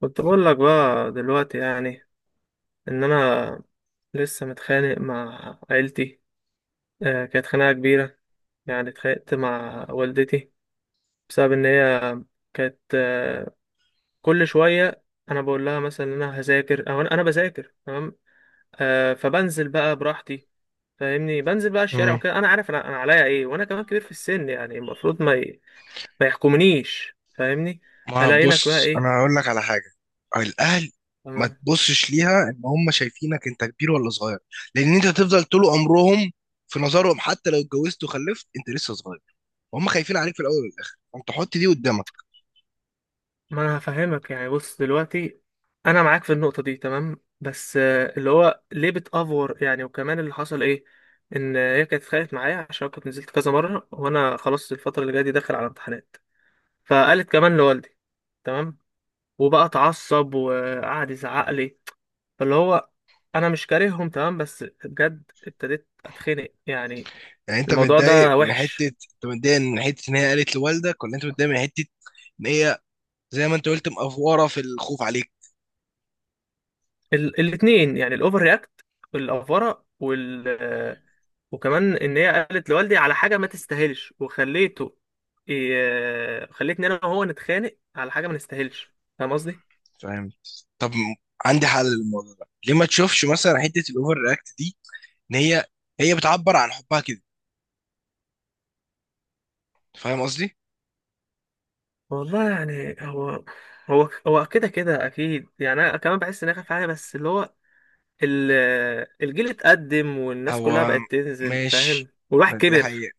كنت بقول لك بقى دلوقتي، يعني ان انا لسه متخانق مع عيلتي. كانت خناقه كبيره، يعني اتخانقت مع والدتي بسبب ان هي كانت كل شويه، انا بقول لها مثلا ان انا هذاكر او انا بذاكر. تمام. فبنزل بقى براحتي، فاهمني، بنزل بقى الشارع مم. وكده. انا عارف انا عليا ايه، وانا كمان كبير في السن، يعني المفروض ما يحكمنيش، فاهمني. ما الاقي لك بقى بص، ايه؟ انا هقول لك على حاجه. الاهل، ما تبصش ليها ان هم شايفينك انت كبير ولا صغير، لان انت تفضل طول عمرهم في نظرهم، حتى لو اتجوزت وخلفت انت لسه صغير، وهم خايفين عليك في الاول والاخر، فانت حط دي قدامك. ما انا هفهمك، يعني بص دلوقتي، انا معاك في النقطه دي، تمام، بس اللي هو ليه بتافور يعني. وكمان اللي حصل ايه؟ ان هي كانت اتخانقت معايا عشان كنت نزلت كذا مره، وانا خلاص الفتره اللي جايه دي داخل على امتحانات. فقالت كمان لوالدي. تمام. وبقى اتعصب وقعد يزعق لي. فاللي هو، انا مش كارههم، تمام، بس بجد ابتديت اتخنق يعني. يعني انت الموضوع متضايق ده من حته، وحش. انت متضايق من حته ان هي قالت لوالدك، ولا انت متضايق من حته ان هي زي ما انت قلت مقفوره في الخوف عليك؟ الاتنين يعني، الاوفر رياكت والافوره. وكمان ان هي قالت لوالدي على حاجه ما تستاهلش. خليتني انا وهو نتخانق على حاجه ما نستاهلش. فاهم قصدي؟ فاهم. طب، عندي حل للموضوع ده، ليه ما تشوفش مثلا حته الاوفر رياكت دي، ان هي بتعبر عن حبها كده. فاهم قصدي. والله يعني هو كده كده اكيد. يعني انا كمان بحس ان انا خايف عليه، بس اللي هو ال- الجيل اتقدم والناس كلها هو بقت تنزل، فاهم، ماشي، والواحد ما دي كبر. حقيقة.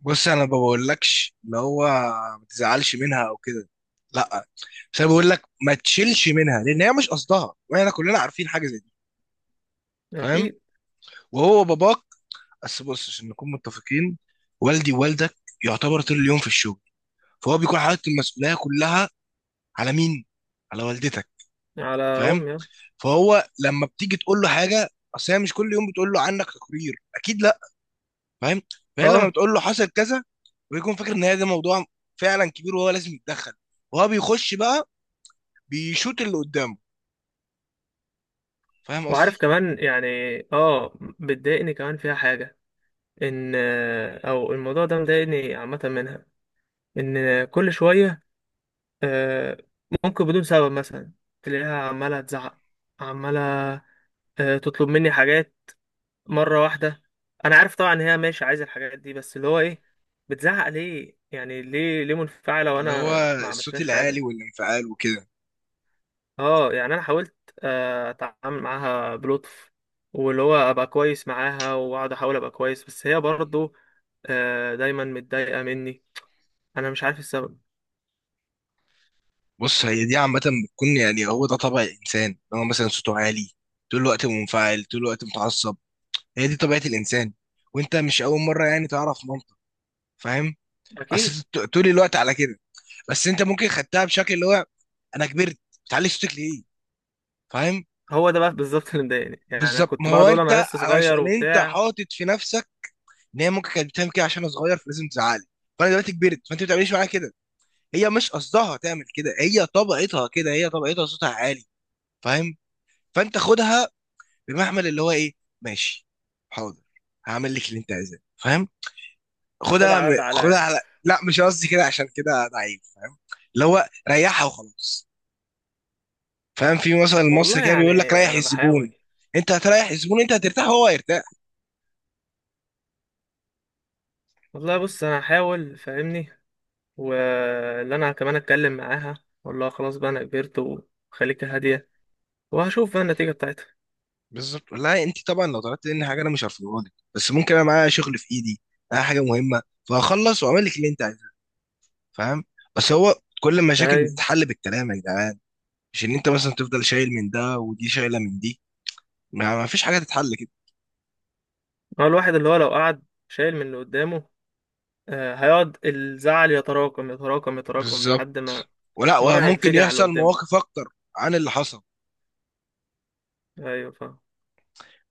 بص، انا ما بقولكش اللي هو ما تزعلش منها او كده، لا، بس انا بقول لك ما تشيلش منها، لان هي مش قصدها، واحنا كلنا عارفين حاجة زي دي. فاهم. اكيد. وهو باباك. بس بص، عشان نكون متفقين، والدي ووالدك يعتبر طول اليوم في الشغل، فهو بيكون حاطط المسؤولية كلها على مين؟ على والدتك. على فاهم. امي، اه. فهو لما بتيجي تقول له حاجة، اصل هي مش كل يوم بتقول له عنك تقرير، اكيد لا. فاهم. فهي لما آه. بتقول له حصل كذا، ويكون فاكر ان هي ده موضوع فعلا كبير وهو لازم يتدخل، وهو بيخش بقى، بيشوط اللي قدامه. فاهم قصدي، وعارف كمان يعني، اه بتضايقني كمان فيها حاجه. ان او الموضوع ده مضايقني عامه منها، ان كل شويه آه، ممكن بدون سبب مثلا تلاقيها عمالة تزعق، عمالة تطلب مني حاجات مرة واحدة. أنا عارف طبعا إن هي ماشي عايزة الحاجات دي، بس اللي هو إيه؟ بتزعق ليه؟ يعني ليه منفعلة اللي وأنا هو ما الصوت عملتلهاش العالي حاجة؟ والانفعال وكده. أه، يعني أنا حاولت أتعامل معاها بلطف. واللي هو أبقى كويس معاها، وأقعد أحاول أبقى كويس، بس هي برضه دايما متضايقة مني. أنا مش عارف السبب. بص، هي دي عامة بتكون، يعني هو ده طبع الإنسان، إن هو مثلا صوته عالي طول الوقت، منفعل طول الوقت، متعصب. هي دي طبيعة الإنسان، وأنت مش أول مرة يعني تعرف منطق. فاهم. أصل أكيد. أنت طول الوقت على كده، بس أنت ممكن خدتها بشكل اللي هو أنا كبرت، بتعلي صوتك ليه؟ فاهم. هو ده بقى بالظبط اللي مضايقني، يعني انا بالظبط، كنت ما هو بقعد اقول انا انت لسه علشان صغير انت وبتاع. حاطط في نفسك ان هي ممكن كانت بتعمل كده عشان انا صغير فلازم تزعلي، فانا دلوقتي كبرت فانت ما بتعمليش معايا كده. هي مش قصدها تعمل كده، هي طبيعتها كده، هي طبيعتها صوتها عالي. فاهم. فانت خدها بمحمل اللي هو ايه؟ ماشي، حاضر، هعمل لك اللي انت عايزاه. فاهم. ناخدها على قد عقلها خدها يعني. على، لا مش قصدي كده عشان كده ضعيف. فاهم. اللي هو ريحها وخلاص. فاهم، في مثلا المصري والله كده يعني بيقول لك ريح انا الزبون. بحاول. انت هتريح الزبون، انت هترتاح وهو هيرتاح. والله بص انا هحاول، فاهمني. واللي انا كمان اتكلم معاها، اقول لها خلاص بقى انا كبرت، وخليك هاديه، وهشوف بقى النتيجه بتاعتها. بالظبط. لا انت طبعا لو طلبت مني حاجه انا مش هرفضها لك، بس ممكن انا معايا شغل في ايدي، معايا حاجه مهمه، فهخلص واعمل لك اللي انت عايزاه. فاهم. بس هو كل المشاكل يعني بتتحل بالكلام يا جدعان، مش ان انت مثلا تفضل شايل من ده ودي شايله من دي، ما فيش حاجه تتحل كده. هو الواحد اللي هو لو قعد شايل من اللي قدامه، هيقعد الزعل يتراكم يتراكم يتراكم لحد بالظبط، ما ولا مره وممكن هينفجر على اللي يحصل قدامه. مواقف اكتر عن اللي حصل. ايوه، فاهم.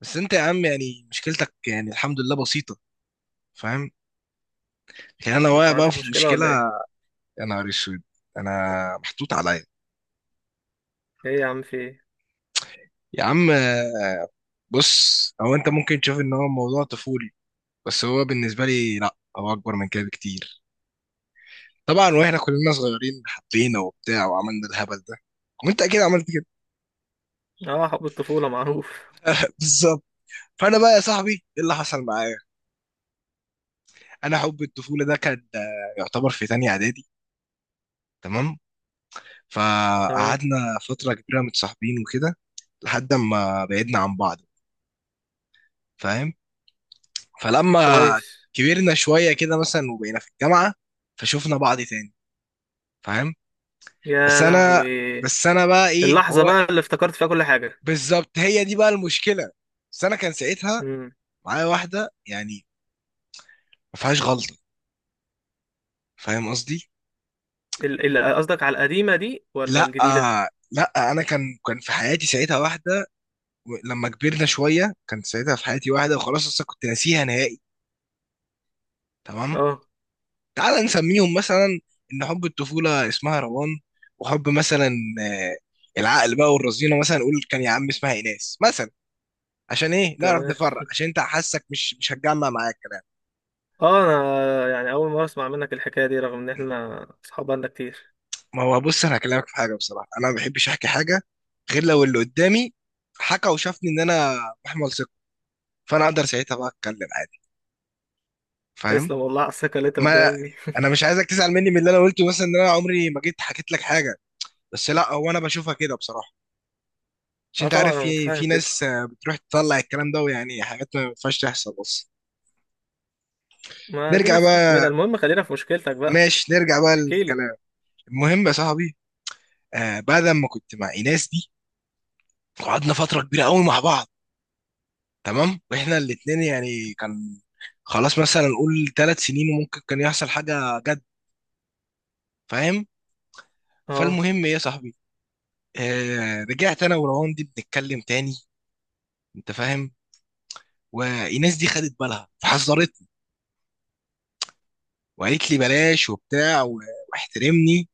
بس انت يا عم يعني مشكلتك يعني الحمد لله بسيطه. فاهم. لكن انا واقع انت بقى عندك في مشكله مشكله. ولا ايه؟ يا نهار اسود، انا محطوط عليا. ايه يا عم، في ايه؟ يا عم بص، او انت ممكن تشوف ان هو موضوع طفولي، بس هو بالنسبه لي لا، هو اكبر من كده بكتير. طبعا واحنا كلنا صغيرين حبينا وبتاع وعملنا الهبل ده، وانت اكيد عملت كده. اه، حب الطفوله معروف. بالظبط. فانا بقى يا صاحبي، ايه اللي حصل معايا؟ انا حب الطفوله ده كان يعتبر في تانية اعدادي. تمام، تمام. فقعدنا فتره كبيره متصاحبين وكده لحد ما بعدنا عن بعض. فاهم. فلما كويس. كبرنا شويه كده مثلا وبقينا في الجامعه، فشوفنا بعض تاني. فاهم. بس يا انا لهوي. بس انا بقى ايه، ما اللحظة هو بقى اللي افتكرت فيها كل حاجة. بالظبط هي دي بقى المشكله. بس انا كان ساعتها امم معايا واحده، يعني ما فيهاش غلطه. فاهم قصدي. قصدك على القديمة دي ولا لا، الجديدة؟ لا، انا كان في حياتي ساعتها واحده. لما كبرنا شويه كان ساعتها في حياتي واحده، وخلاص اصلا كنت ناسيها نهائي. تمام. اه. تعال نسميهم مثلا، ان حب الطفوله اسمها روان، وحب مثلا آه، العقل بقى والرزينه، مثلا نقول كان يا عم اسمها ايناس مثلا. عشان ايه؟ نعرف تمام. نفرق، عشان انت حاسك مش هتجمع معاك. اه، انا يعني اول مرة اسمع منك الحكاية دي، رغم ان احنا اصحاب بقالنا كتير. ما هو بص، انا هكلمك في حاجه بصراحه، انا ما بحبش احكي حاجه غير لو اللي قدامي حكى وشافني ان انا محمل ثقه، فانا اقدر ساعتها بقى اتكلم عادي. فاهم. تسلم والله على الثقة اللي انت مديها ما لي دي. انا مش عايزك تزعل مني من اللي انا قلته، مثلا ان انا عمري ما جيت حكيت لك حاجه، بس لا، هو انا بشوفها كده بصراحه. عشان اه، انت طبعا عارف انا في متفاهم في كده. ناس بتروح تطلع الكلام ده، ويعني حاجات ما ينفعش تحصل بس. ما دي نرجع ناس فك منها. بقى. المهم خلينا في مشكلتك بقى. ماشي، نرجع بقى احكي لي. للكلام. المهم يا صاحبي، بعد ما كنت مع ايناس دي قعدنا فتره كبيره قوي مع بعض. تمام، واحنا الاتنين يعني كان، خلاص مثلا نقول 3 سنين، وممكن كان يحصل حاجة جد. فاهم. اه. فالمهم ايه يا صاحبي، رجعت انا وروان دي بنتكلم تاني. انت فاهم. وايناس دي خدت بالها فحذرتني، وقالت لي بلاش وبتاع واحترمني.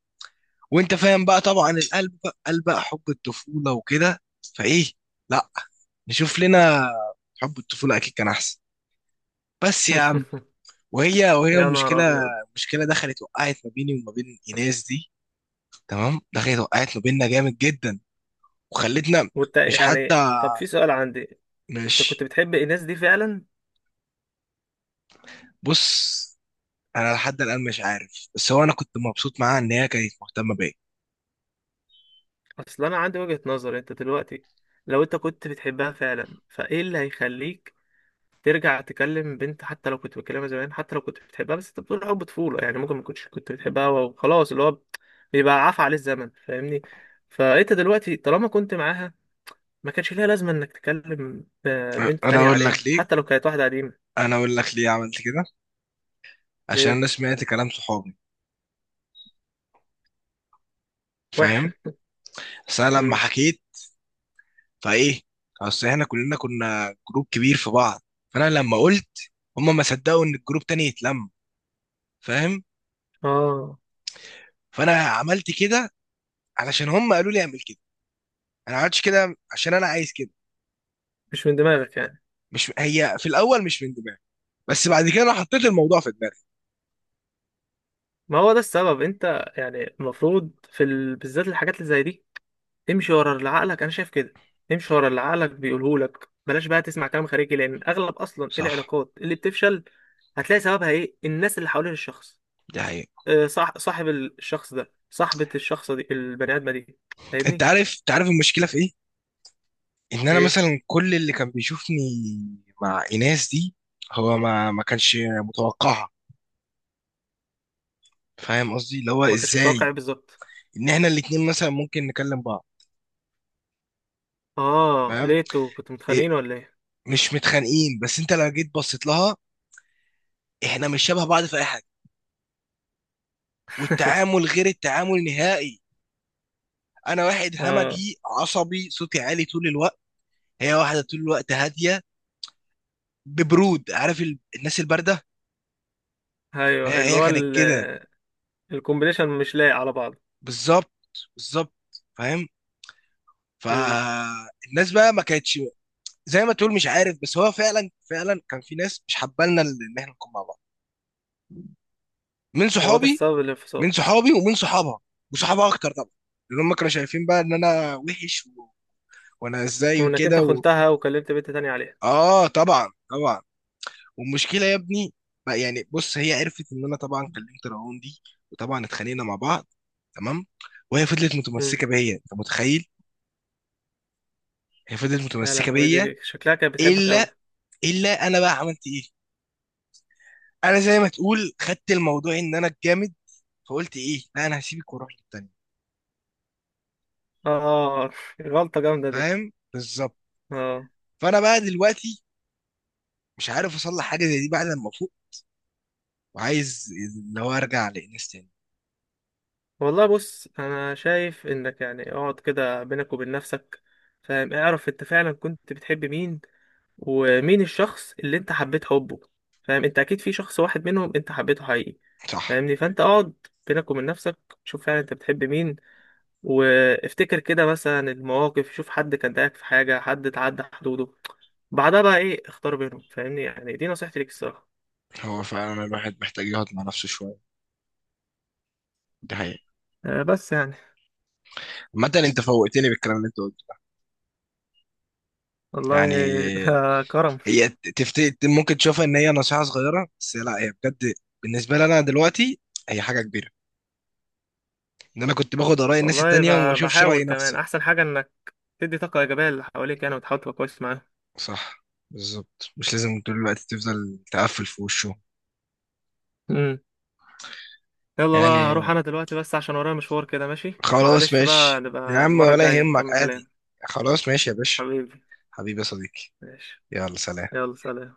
وانت فاهم بقى طبعا القلب قلب بقى حب الطفولة وكده. فايه، لا نشوف لنا، حب الطفولة اكيد كان احسن. بس يا عم، وهي يا نهار المشكلة، ابيض. المشكلة دخلت وقعت ما بيني وما بين ايناس دي. تمام، دخلت وقعت ما بيننا جامد جدا، وخلتنا. وانت مش حتى يعني، طب في سؤال عندي. انت مش كنت بتحب الناس دي فعلا؟ بص، انا لحد الان مش عارف، بس هو انا كنت مبسوط معاها ان هي كانت مهتمه بيا. اصل انا عندي وجهة نظر. انت دلوقتي، لو انت كنت بتحبها فعلا، فايه اللي هيخليك ترجع تكلم بنت؟ حتى لو كنت بتكلمها زمان، حتى لو كنت بتحبها، بس انت بتقول حب طفولة، يعني ممكن ما كنتش كنت بتحبها وخلاص. اللي هو بيبقى عفى عليه الزمن، فاهمني. فانت دلوقتي طالما كنت معاها، ما كانش ليها لازمة انك تكلم بنت انا تانية اقول عليها، لك ليه حتى لو كانت واحدة قديمة. انا اقول لك ليه عملت كده، عشان ليه؟ انا سمعت كلام صحابي. فاهم. وحشة. بس انا لما مم. حكيت، فايه، اصل احنا كلنا كنا جروب كبير في بعض، فانا لما قلت، هم ما صدقوا ان الجروب تاني يتلم. فاهم. اه، فانا عملت كده علشان هم قالوا لي اعمل كده، انا ما عملتش كده عشان انا عايز كده. مش من دماغك يعني؟ مش، هي في الاول مش من دماغي، بس بعد كده انا حطيت الموضوع في دماغي. ما هو ده السبب. انت يعني المفروض في بالذات الحاجات اللي زي دي، امشي ورا اللي عقلك، انا شايف كده. امشي ورا اللي عقلك بيقوله لك، بلاش بقى تسمع كلام خارجي، لان اغلب اصلا صح، العلاقات اللي بتفشل، هتلاقي سببها ايه؟ الناس اللي حوالين الشخص. دي حقيقة. صح. صاحب الشخص ده، صاحبة الشخص دي، البني ادمة دي، فاهمني. انت عارف المشكله في ايه، ان انا ايه؟ مثلا كل اللي كان بيشوفني مع ايناس دي، هو ما كانش متوقعها. فاهم قصدي، اللي هو ما كانش متوقع ازاي، ايه بالظبط؟ ان احنا الاتنين مثلا ممكن نكلم بعض. اه، فاهم. ليتو كنتوا متخانقين إيه، ولا ايه؟ مش متخانقين، بس انت لو جيت بصيت لها، احنا مش شبه بعض في اي حاجه، والتعامل غير التعامل نهائي. انا واحد اه، همجي عصبي صوتي عالي طول الوقت، هي واحده طول الوقت هاديه ببرود، عارف الناس البارده. هي ايوه، اللي هي هو كانت كده. الكومبينيشن مش لايق على بعض. بالظبط، بالظبط. فاهم. امم فالناس بقى ما كانتش زي ما تقول مش عارف، بس هو فعلا فعلا كان في ناس مش حبالنا ان احنا نكون مع بعض من هو ده صحابي. السبب الانفصال؟ من صحابي ومن صحابها، وصحابها اكتر طبعا، لان هم كانوا شايفين بقى ان انا وحش وانا ازاي وانك انت وكده و... خنتها وكلمت بنت تانية عليها. اه، طبعا طبعا. والمشكله يا ابني، يعني بص، هي عرفت ان انا طبعا كلمت رعون دي، وطبعا اتخانقنا مع بعض. تمام، وهي فضلت امم. متمسكه بيا، انت متخيل. هي فضلت يا متمسكه لهوي، بيا. دي شكلها كانت بتحبك قوي. الا الا انا بقى عملت ايه، انا زي ما تقول خدت الموضوع ان انا الجامد، فقلت ايه، لا انا هسيبك واروح للتانية. اه، غلطة جامدة دي. فاهم بالظبط. اه. فانا بقى دلوقتي مش عارف اصلح حاجه زي دي بعد ما افوق، وعايز اللي هو ارجع للناس تاني. والله بص، انا شايف انك يعني اقعد كده بينك وبين نفسك، فاهم، اعرف انت فعلا كنت بتحب مين، ومين الشخص اللي انت حبيت حبه. فاهم، انت اكيد في شخص واحد منهم انت حبيته حقيقي، صح، فاهمني. فانت اقعد بينك وبين نفسك، شوف فعلا انت بتحب مين، وافتكر كده مثلا المواقف، شوف حد كان ضايقك في حاجة، حد اتعدى حدوده. بعدها بقى ايه؟ اختار بينهم، فاهمني، يعني دي نصيحتي ليك الصراحة. هو فعلا الواحد محتاج يقعد مع نفسه شويه، دي حقيقة. بس يعني عامة انت فوقتني بالكلام اللي انت قلته والله. يعني. ده كرم. هي تفت... ممكن تشوفها ان هي نصيحة صغيرة، بس لا هي بجد. بالنسبة لي انا دلوقتي هي حاجة كبيرة، ان انا كنت باخد آراء الناس والله التانية وما بشوفش رأي بحاول. كمان نفسي. احسن حاجه انك تدي طاقه ايجابيه للي حواليك، يعني وتحاول تبقى كويس معاهم. صح، بالظبط مش لازم طول الوقت تفضل تقفل في وشه. امم. يلا بقى يعني هروح انا دلوقتي، بس عشان ورايا مشوار كده. ماشي، خلاص، معلش، بقى ماشي يا نبقى عم المره ولا الجايه يهمك نكمل عادي. كلام. خلاص ماشي يا باشا. حبيبي. حبيبي يا صديقي. ماشي. يلا سلام. يلا سلام.